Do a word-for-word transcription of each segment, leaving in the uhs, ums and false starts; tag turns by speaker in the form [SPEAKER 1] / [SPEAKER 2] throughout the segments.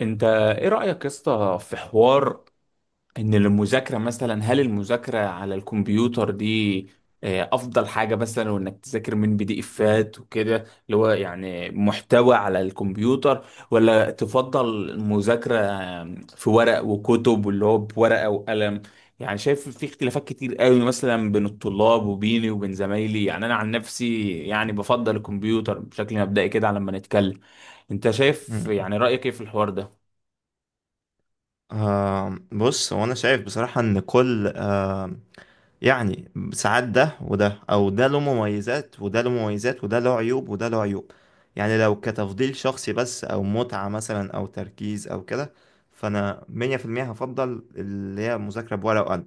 [SPEAKER 1] انت ايه رأيك يا اسطى في حوار ان المذاكرة مثلا؟ هل المذاكرة على الكمبيوتر دي آه، افضل حاجة، مثلا وانك تذاكر من بي دي افات وكده، اللي هو يعني محتوى على الكمبيوتر، ولا تفضل المذاكرة آه، في ورق وكتب، واللي هو بورقة وقلم؟ يعني شايف في اختلافات كتير قوي مثلا بين الطلاب، وبيني وبين زمايلي. يعني انا عن نفسي يعني بفضل الكمبيوتر بشكل مبدئي كده، على ما نتكلم. انت شايف
[SPEAKER 2] مم.
[SPEAKER 1] يعني رأيك ايه في الحوار ده؟
[SPEAKER 2] آه بص، هو انا شايف بصراحة ان كل آه يعني ساعات ده وده او ده له مميزات وده له مميزات وده له عيوب وده له عيوب. يعني لو كتفضيل شخصي بس او متعة مثلا او تركيز او كده، فانا مية في المية هفضل اللي هي مذاكرة بورقة وقلم.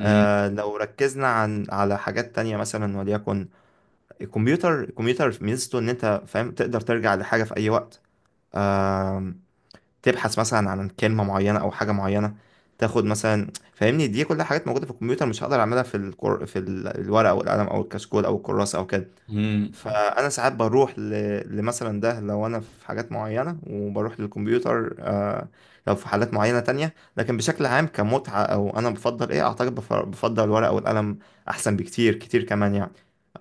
[SPEAKER 1] مم.
[SPEAKER 2] لو ركزنا عن على حاجات تانية مثلا، وليكن الكمبيوتر الكمبيوتر ميزته ان انت فاهم تقدر ترجع لحاجة في اي وقت، تبحث مثلا عن كلمة معينة أو حاجة معينة، تاخد مثلا، فاهمني، دي كلها حاجات موجودة في الكمبيوتر مش هقدر أعملها في الكر... في ال- الورقة أو القلم أو الكشكول أو الكراسة أو كده.
[SPEAKER 1] مم.
[SPEAKER 2] فأنا ساعات بروح ل... لمثلا ده، لو أنا في حاجات معينة وبروح للكمبيوتر آه... لو في حالات معينة تانية، لكن بشكل عام كمتعة أو أنا بفضل إيه، أعتقد بف... بفضل الورقة أو القلم أحسن بكتير كتير كمان يعني.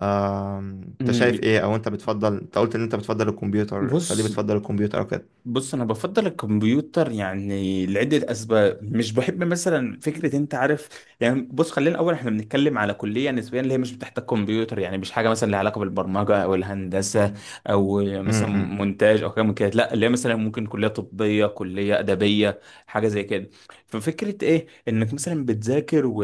[SPEAKER 2] آم، أنت شايف
[SPEAKER 1] مم.
[SPEAKER 2] إيه؟ أو أنت بتفضل، أنت قلت إن أنت بتفضل الكمبيوتر، فليه
[SPEAKER 1] بص
[SPEAKER 2] بتفضل الكمبيوتر أو كده؟
[SPEAKER 1] بص انا بفضل الكمبيوتر يعني لعده اسباب. مش بحب مثلا فكره، انت عارف يعني. بص، خلينا الاول احنا بنتكلم على كليه نسبيا اللي هي مش بتحتاج كمبيوتر، يعني مش حاجه مثلا لها علاقه بالبرمجه او الهندسه او
[SPEAKER 2] م-
[SPEAKER 1] مثلا
[SPEAKER 2] م.
[SPEAKER 1] مونتاج او حاجه من كده. لا، اللي هي مثلا ممكن كليه طبيه، كليه ادبيه، حاجه زي كده. ففكره ايه انك مثلا بتذاكر، و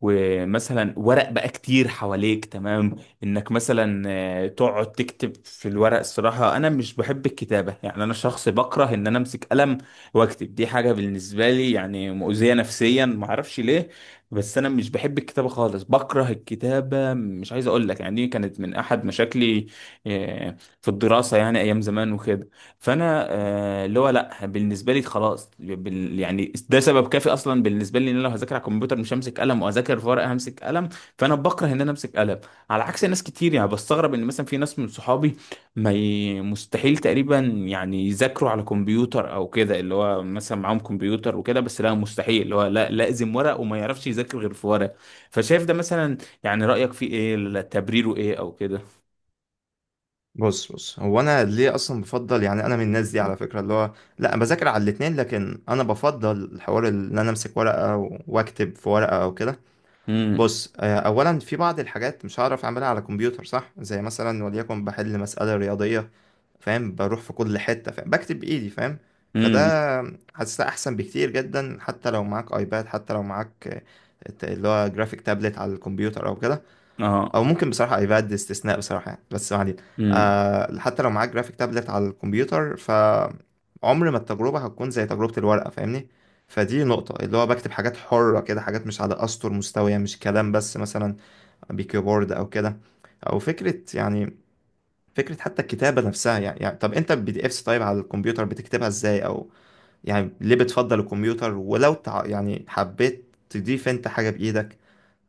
[SPEAKER 1] ومثلا ورق بقى كتير حواليك، تمام؟ انك مثلا آه، تقعد تكتب في الورق. الصراحة انا مش بحب الكتابة، يعني انا شخص بكره ان انا امسك قلم واكتب. دي حاجة بالنسبة لي يعني مؤذية نفسيا، معرفش ليه. بس انا مش بحب الكتابة خالص، بكره الكتابة، مش عايز اقول لك، يعني دي كانت من احد مشاكلي آه، في الدراسة، يعني ايام زمان وكده. فانا آه، اللي هو لا، بالنسبة لي خلاص، بال- يعني ده سبب كافي اصلا بالنسبة لي، ان انا لو هذاكر على الكمبيوتر مش همسك قلم، وهذاكر في ورقة همسك قلم. فانا بكره ان انا امسك قلم، على عكس ناس كتير. يعني بستغرب ان مثلا في ناس من صحابي ما ي... مستحيل تقريبا يعني يذاكروا على كمبيوتر او كده، اللي هو مثلا معاهم كمبيوتر وكده، بس لا، مستحيل، اللي هو لا، لازم ورق، وما يعرفش يذاكر غير في ورق. فشايف ده مثلا، يعني رأيك فيه ايه؟ لا، تبريره ايه او كده؟
[SPEAKER 2] بص بص، هو انا ليه اصلا بفضل؟ يعني انا من الناس دي على فكره، اللي هو لا، بذاكر على الاتنين، لكن انا بفضل الحوار اللي انا امسك ورقه و- واكتب في ورقه او كده.
[SPEAKER 1] امم.
[SPEAKER 2] بص، آه، اولا في بعض الحاجات مش هعرف اعملها على كمبيوتر، صح؟ زي مثلا وليكن بحل مساله رياضيه، فاهم، بروح في كل حته، فاهم، بكتب بايدي، فاهم؟ فده
[SPEAKER 1] امم.
[SPEAKER 2] حاسسها احسن بكتير جدا، حتى لو معاك ايباد، حتى لو معاك آه، اللي هو جرافيك تابلت على الكمبيوتر او كده.
[SPEAKER 1] اه.
[SPEAKER 2] او ممكن بصراحه ايباد استثناء بصراحه يعني، بس ما علينا.
[SPEAKER 1] امم.
[SPEAKER 2] آه حتى لو معاك جرافيك تابلت على الكمبيوتر ف عمر ما التجربه هتكون زي تجربه الورقه، فاهمني. فدي نقطه، اللي هو بكتب حاجات حره كده، حاجات مش على اسطر مستويه، مش كلام بس مثلا بكيبورد او كده، او فكره، يعني فكره حتى الكتابه نفسها يعني, يعني طب انت البي دي افس طيب على الكمبيوتر بتكتبها ازاي؟ او يعني ليه بتفضل الكمبيوتر؟ ولو تع... يعني حبيت تضيف انت حاجه بايدك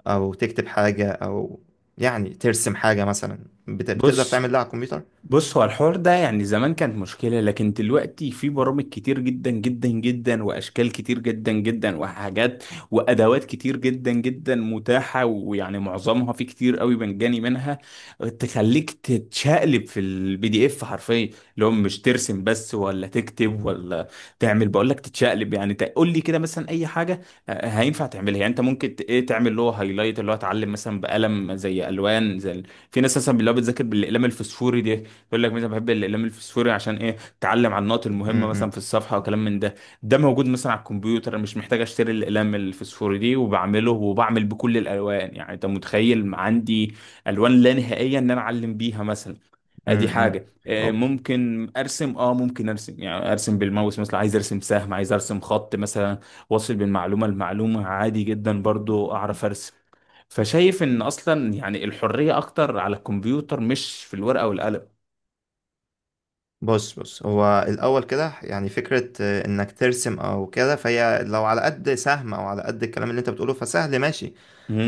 [SPEAKER 2] او تكتب حاجة او يعني ترسم حاجة مثلا، بت... بتقدر
[SPEAKER 1] بص
[SPEAKER 2] تعمل ده على الكمبيوتر؟
[SPEAKER 1] بص هو الحوار ده يعني زمان كانت مشكلة، لكن دلوقتي في برامج كتير جدا جدا جدا، وأشكال كتير جدا جدا، وحاجات وأدوات كتير جدا جدا متاحة، ويعني معظمها في كتير قوي مجاني منها، تخليك تتشقلب في البي دي اف حرفيا، اللي هو مش ترسم بس ولا تكتب ولا تعمل. بقول لك تتشقلب، يعني تقول لي كده مثلا أي حاجة آه، هينفع تعملها. يعني أنت ممكن ت- إيه، تعمل اللي هو هايلايت، اللي هو اتعلم مثلا بقلم، زي ألوان. زي في ناس مثلا اللي هو بتذاكر بالأقلام الفسفوري دي، يقول لك مثلا بحب الاقلام الفسفوري عشان ايه، اتعلم على النقط المهمه مثلا
[SPEAKER 2] امم،
[SPEAKER 1] في الصفحه، وكلام من ده. ده موجود مثلا على الكمبيوتر. أنا مش محتاج اشتري الاقلام الفسفوري دي، وبعمله وبعمل بكل الالوان. يعني انت متخيل عندي الوان لا نهائيه ان انا اعلم بيها مثلا. ادي
[SPEAKER 2] امم،
[SPEAKER 1] حاجه. آه،
[SPEAKER 2] أو.
[SPEAKER 1] ممكن ارسم. اه ممكن ارسم، يعني ارسم بالماوس مثلا، عايز ارسم سهم، عايز ارسم خط مثلا، واصل بين معلومه لمعلومه. عادي جدا برضو اعرف ارسم. فشايف ان اصلا يعني الحريه اكتر على الكمبيوتر، مش في الورقه والقلم.
[SPEAKER 2] بص بص، هو الأول كده يعني فكرة آه، إنك ترسم أو كده، فهي لو على قد سهم أو على قد الكلام اللي أنت بتقوله، فسهل ماشي.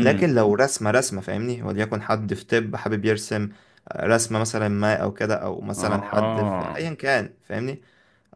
[SPEAKER 2] لكن لو رسمة رسمة، فاهمني، وليكن حد في طب حابب يرسم آه، رسمة مثلا ما، أو كده، أو مثلا حد في
[SPEAKER 1] اه.
[SPEAKER 2] أيا كان، فاهمني،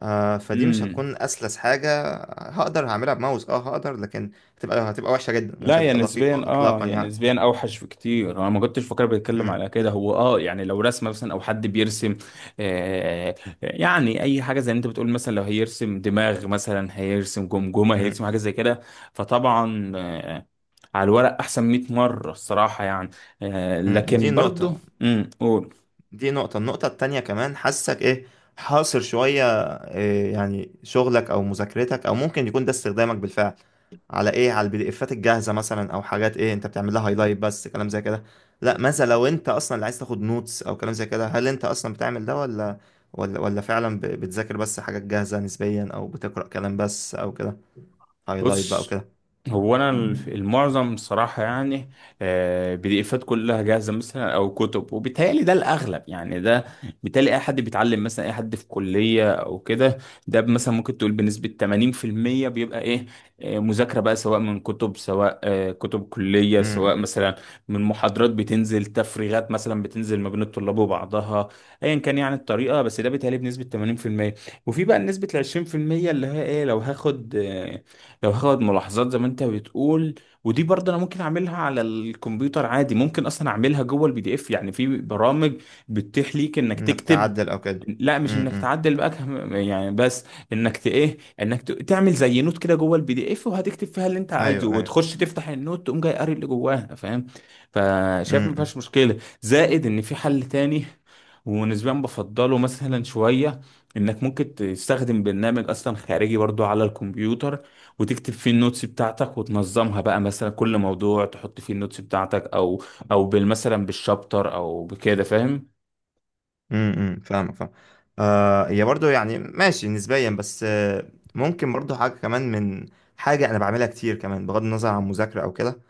[SPEAKER 2] آه فدي مش
[SPEAKER 1] امم.
[SPEAKER 2] هتكون اسلس حاجه. هقدر، هعملها بماوس اه هقدر، لكن هتبقى هتبقى وحشه جدا
[SPEAKER 1] لا،
[SPEAKER 2] ومش
[SPEAKER 1] هي
[SPEAKER 2] هتبقى
[SPEAKER 1] نسبيا
[SPEAKER 2] دقيقه
[SPEAKER 1] اه
[SPEAKER 2] اطلاقا
[SPEAKER 1] هي
[SPEAKER 2] يعني.
[SPEAKER 1] نسبيا اوحش بكتير. انا ما كنتش فاكر بيتكلم
[SPEAKER 2] م-
[SPEAKER 1] على كده. هو اه يعني لو رسمه مثلا او حد بيرسم، آه يعني اي حاجه زي اللي انت بتقول، مثلا لو هيرسم دماغ، مثلا هيرسم جمجمه،
[SPEAKER 2] م-
[SPEAKER 1] هيرسم حاجه زي كده، فطبعا آه على الورق احسن مائة مره، الصراحه يعني. آه
[SPEAKER 2] م. دي
[SPEAKER 1] لكن
[SPEAKER 2] نقطه
[SPEAKER 1] برضو، امم، قول.
[SPEAKER 2] دي نقطة النقطة التانية كمان، حاسك ايه، حاصر شوية، إيه يعني شغلك او مذاكرتك، او ممكن يكون ده استخدامك بالفعل على ايه على البي دي افات الجاهزة مثلا، او حاجات، ايه انت بتعمل لها هايلايت بس، كلام زي كده؟ لا، ماذا لو انت اصلا اللي عايز تاخد نوتس او كلام زي كده؟ هل انت اصلا بتعمل ده ولا ولا ولا فعلا ب- بتذاكر بس حاجات جاهزة نسبيا، او بتقرأ كلام بس او كده، هايلايت بقى
[SPEAKER 1] بص
[SPEAKER 2] وكده؟
[SPEAKER 1] هو انا الف- المعظم صراحه يعني بي دي افات كلها جاهزه مثلا او كتب، وبالتهيألي ده الاغلب يعني. ده بالتالي اي حد بيتعلم مثلا، اي حد في كليه او كده، ده مثلا ممكن تقول بنسبه ثمانين في المية بيبقى ايه آه، مذاكره، بقى سواء من كتب، سواء آه، كتب كليه،
[SPEAKER 2] م-
[SPEAKER 1] سواء
[SPEAKER 2] م.
[SPEAKER 1] مثلا من محاضرات بتنزل، تفريغات مثلا بتنزل ما بين الطلاب وبعضها، ايا كان يعني الطريقه. بس ده بيتهيألي بنسبه ثمانين في المية، وفي بقى نسبه ال عشرين في المية، اللي هي ايه، لو هاخد آه، لو هاخد ملاحظات زي ما انت بتقول. ودي برضه انا ممكن اعملها على الكمبيوتر عادي. ممكن اصلا اعملها جوه البي دي اف، يعني في برامج بتتيح ليك انك
[SPEAKER 2] انك
[SPEAKER 1] تكتب.
[SPEAKER 2] تعدل او كده.
[SPEAKER 1] لا، مش
[SPEAKER 2] م-
[SPEAKER 1] انك
[SPEAKER 2] م.
[SPEAKER 1] تعدل بقى، كم- يعني بس انك ت ايه انك ت- تعمل زي نوت كده جوه البي دي اف، وهتكتب فيها اللي انت عايزه،
[SPEAKER 2] ايوه، ايوه.
[SPEAKER 1] وتخش تفتح النوت، تقوم جاي قاري اللي جواها، فاهم؟
[SPEAKER 2] م-
[SPEAKER 1] فشايف ما
[SPEAKER 2] م.
[SPEAKER 1] فيهاش مشكله، زائد ان في حل تاني، ونسبيا بفضله مثلا شويه، انك ممكن تستخدم برنامج اصلا خارجي برضو على الكمبيوتر، وتكتب فيه النوتس بتاعتك، وتنظمها بقى مثلا كل موضوع تحط فيه النوتس بتاعتك، او او بال- مثلا بالشابتر او بكده، فاهم؟
[SPEAKER 2] امم، امم، فاهمك، فاهم. آه هي برضو يعني ماشي نسبيا، بس آه ممكن برضو حاجة كمان، من حاجة أنا بعملها كتير كمان بغض النظر عن مذاكرة أو كده.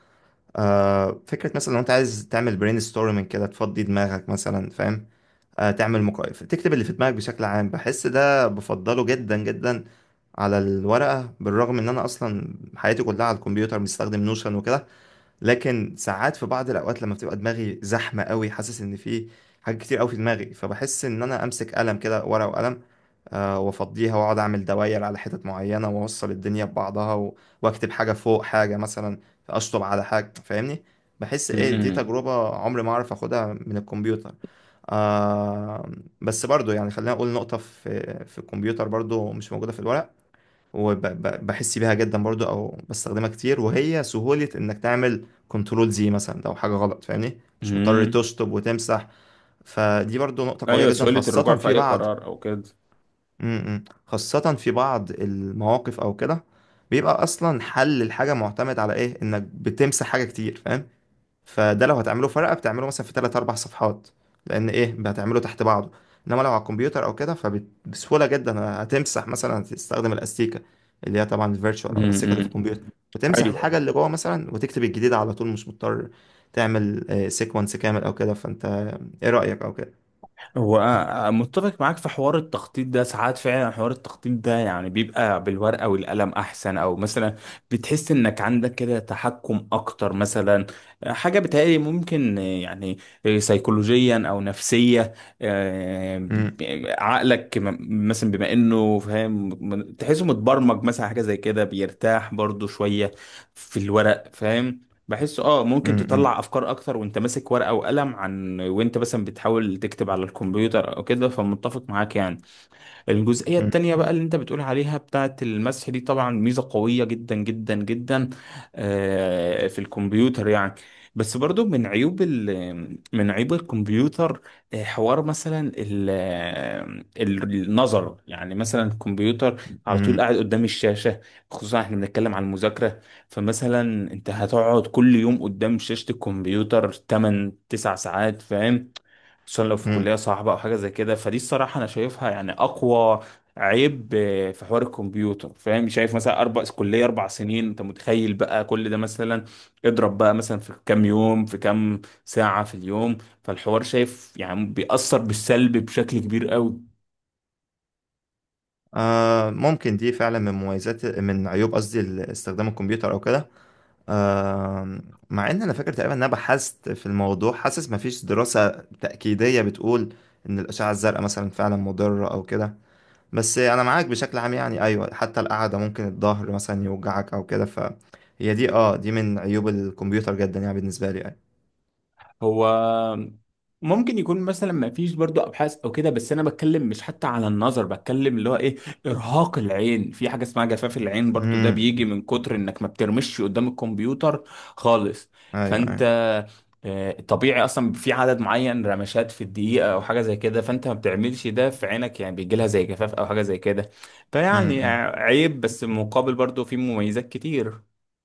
[SPEAKER 2] آه فكرة مثلا لو أنت عايز تعمل برين ستورمنج كده، تفضي دماغك مثلا، فاهم، آه تعمل مقايف، تكتب اللي في دماغك بشكل عام، بحس ده بفضله جدا جدا على الورقة، بالرغم إن أنا أصلا حياتي كلها على الكمبيوتر، بستخدم نوشن وكده. لكن ساعات في بعض الاوقات لما بتبقى دماغي زحمه قوي، حاسس ان في حاجات كتير قوي في دماغي، فبحس ان انا امسك قلم كده، ورقه وقلم، آه، وافضيها، واقعد اعمل دواير على حتت معينه، واوصل الدنيا ببعضها و... واكتب حاجه فوق حاجه مثلا، اشطب على حاجه، فاهمني، بحس ايه دي
[SPEAKER 1] امم.
[SPEAKER 2] تجربه عمري ما اعرف اخدها من الكمبيوتر آه بس برضو يعني خلينا اقول نقطه في في الكمبيوتر برضو مش موجوده في الورق، وبحس بيها جدا برضو، او بستخدمها كتير، وهي سهولة انك تعمل كنترول، زي مثلا لو حاجة غلط، فاهمني، مش مضطر
[SPEAKER 1] امم.
[SPEAKER 2] تشطب وتمسح. فدي برضو نقطة قوية
[SPEAKER 1] ايوه،
[SPEAKER 2] جدا،
[SPEAKER 1] سهولة الرجوع
[SPEAKER 2] خاصة
[SPEAKER 1] في
[SPEAKER 2] في
[SPEAKER 1] اي
[SPEAKER 2] بعض...
[SPEAKER 1] قرار او كده.
[SPEAKER 2] م- م. خاصة في بعض المواقف او كده، بيبقى اصلا حل الحاجة معتمد على ايه، انك بتمسح حاجة كتير، فاهم؟ فده لو هتعمله ورقة، بتعمله مثلا في تلات أربع صفحات، لأن إيه، هتعمله تحت بعضه. إنما لو على الكمبيوتر أو كده، فبسهولة جدا هتمسح مثلا، هتستخدم الأستيكة اللي هي طبعا الفيرتشوال، أو الأستيكة اللي
[SPEAKER 1] امم.
[SPEAKER 2] في الكمبيوتر، وتمسح الحاجة
[SPEAKER 1] ايوه.
[SPEAKER 2] اللي جوه مثلا، وتكتب الجديدة على طول، مش مضطر تعمل سيكونس كامل أو كده. فأنت إيه رأيك أو كده؟
[SPEAKER 1] هو أنا متفق معاك في حوار التخطيط ده. ساعات فعلا حوار التخطيط ده يعني بيبقى بالورقة والقلم أحسن، أو مثلا بتحس إنك عندك كده تحكم أكتر مثلا. حاجة بتهيألي ممكن يعني سيكولوجيا أو نفسية. آه،
[SPEAKER 2] مم،
[SPEAKER 1] عقلك م- مثلا بما إنه فاهم، م- تحسه متبرمج مثلا، حاجة زي كده، بيرتاح برضو شوية في الورق، فاهم؟ بحس اه ممكن
[SPEAKER 2] مم، مم،
[SPEAKER 1] تطلع افكار اكتر وانت ماسك ورقة وقلم، عن وانت مثلا بتحاول تكتب على الكمبيوتر او كده. فمتفق معاك يعني. الجزئية
[SPEAKER 2] مم،
[SPEAKER 1] التانية بقى اللي انت بتقول عليها بتاعة المسح دي، طبعا ميزة قوية جدا جدا جدا آه، في الكمبيوتر يعني. بس برضو من عيوب ال من عيوب الكمبيوتر، آه، حوار مثلا ال آه، ال- النظر. يعني مثلا الكمبيوتر على طول
[SPEAKER 2] مم،
[SPEAKER 1] قاعد قدام الشاشة، خصوصا احنا بنتكلم عن المذاكرة. فمثلا انت هتقعد كل يوم قدام شاشة الكمبيوتر تمانية تسعة ساعات، فاهم؟ خصوصا لو في
[SPEAKER 2] مم.
[SPEAKER 1] كلية صعبة أو حاجة زي كده، فدي الصراحة أنا شايفها يعني أقوى عيب آه، في حوار الكمبيوتر، فاهم؟ شايف مثلا أربع كلية، أربع سنين، أنت متخيل بقى كل ده مثلا؟ اضرب بقى مثلا في كام يوم، في كام ساعة في اليوم. فالحوار شايف يعني بيأثر بالسلب بشكل كبير قوي.
[SPEAKER 2] آه ممكن دي فعلا من مميزات، من عيوب قصدي، ال- استخدام الكمبيوتر أو كده. آم، مع ان انا فاكر تقريبا ان انا بحثت في الموضوع، حاسس مفيش دراسة تأكيدية بتقول ان الأشعة الزرقاء مثلا فعلا مضرة او كده، بس انا معاك بشكل عام يعني، ايوه، حتى القعدة ممكن الظهر مثلا يوجعك او كده، فهي دي اه دي من عيوب الكمبيوتر جدا يعني، بالنسبة لي، ايوه.
[SPEAKER 1] هو ممكن يكون مثلا ما فيش برضو ابحاث او كده، بس انا بتكلم مش حتى على النظر، بتكلم اللي هو ايه، ارهاق العين. في حاجه اسمها جفاف العين برضو، ده
[SPEAKER 2] امم،
[SPEAKER 1] بيجي من كتر انك ما بترمش قدام الكمبيوتر خالص.
[SPEAKER 2] ايوه،
[SPEAKER 1] فانت
[SPEAKER 2] ايوه،
[SPEAKER 1] آه، طبيعي اصلا في عدد معين رمشات في الدقيقه او حاجه زي كده، فانت ما بتعملش ده في عينك، يعني بيجي لها زي جفاف او حاجه زي كده. فيعني
[SPEAKER 2] امم.
[SPEAKER 1] عيب، بس مقابل برضو في مميزات كتير.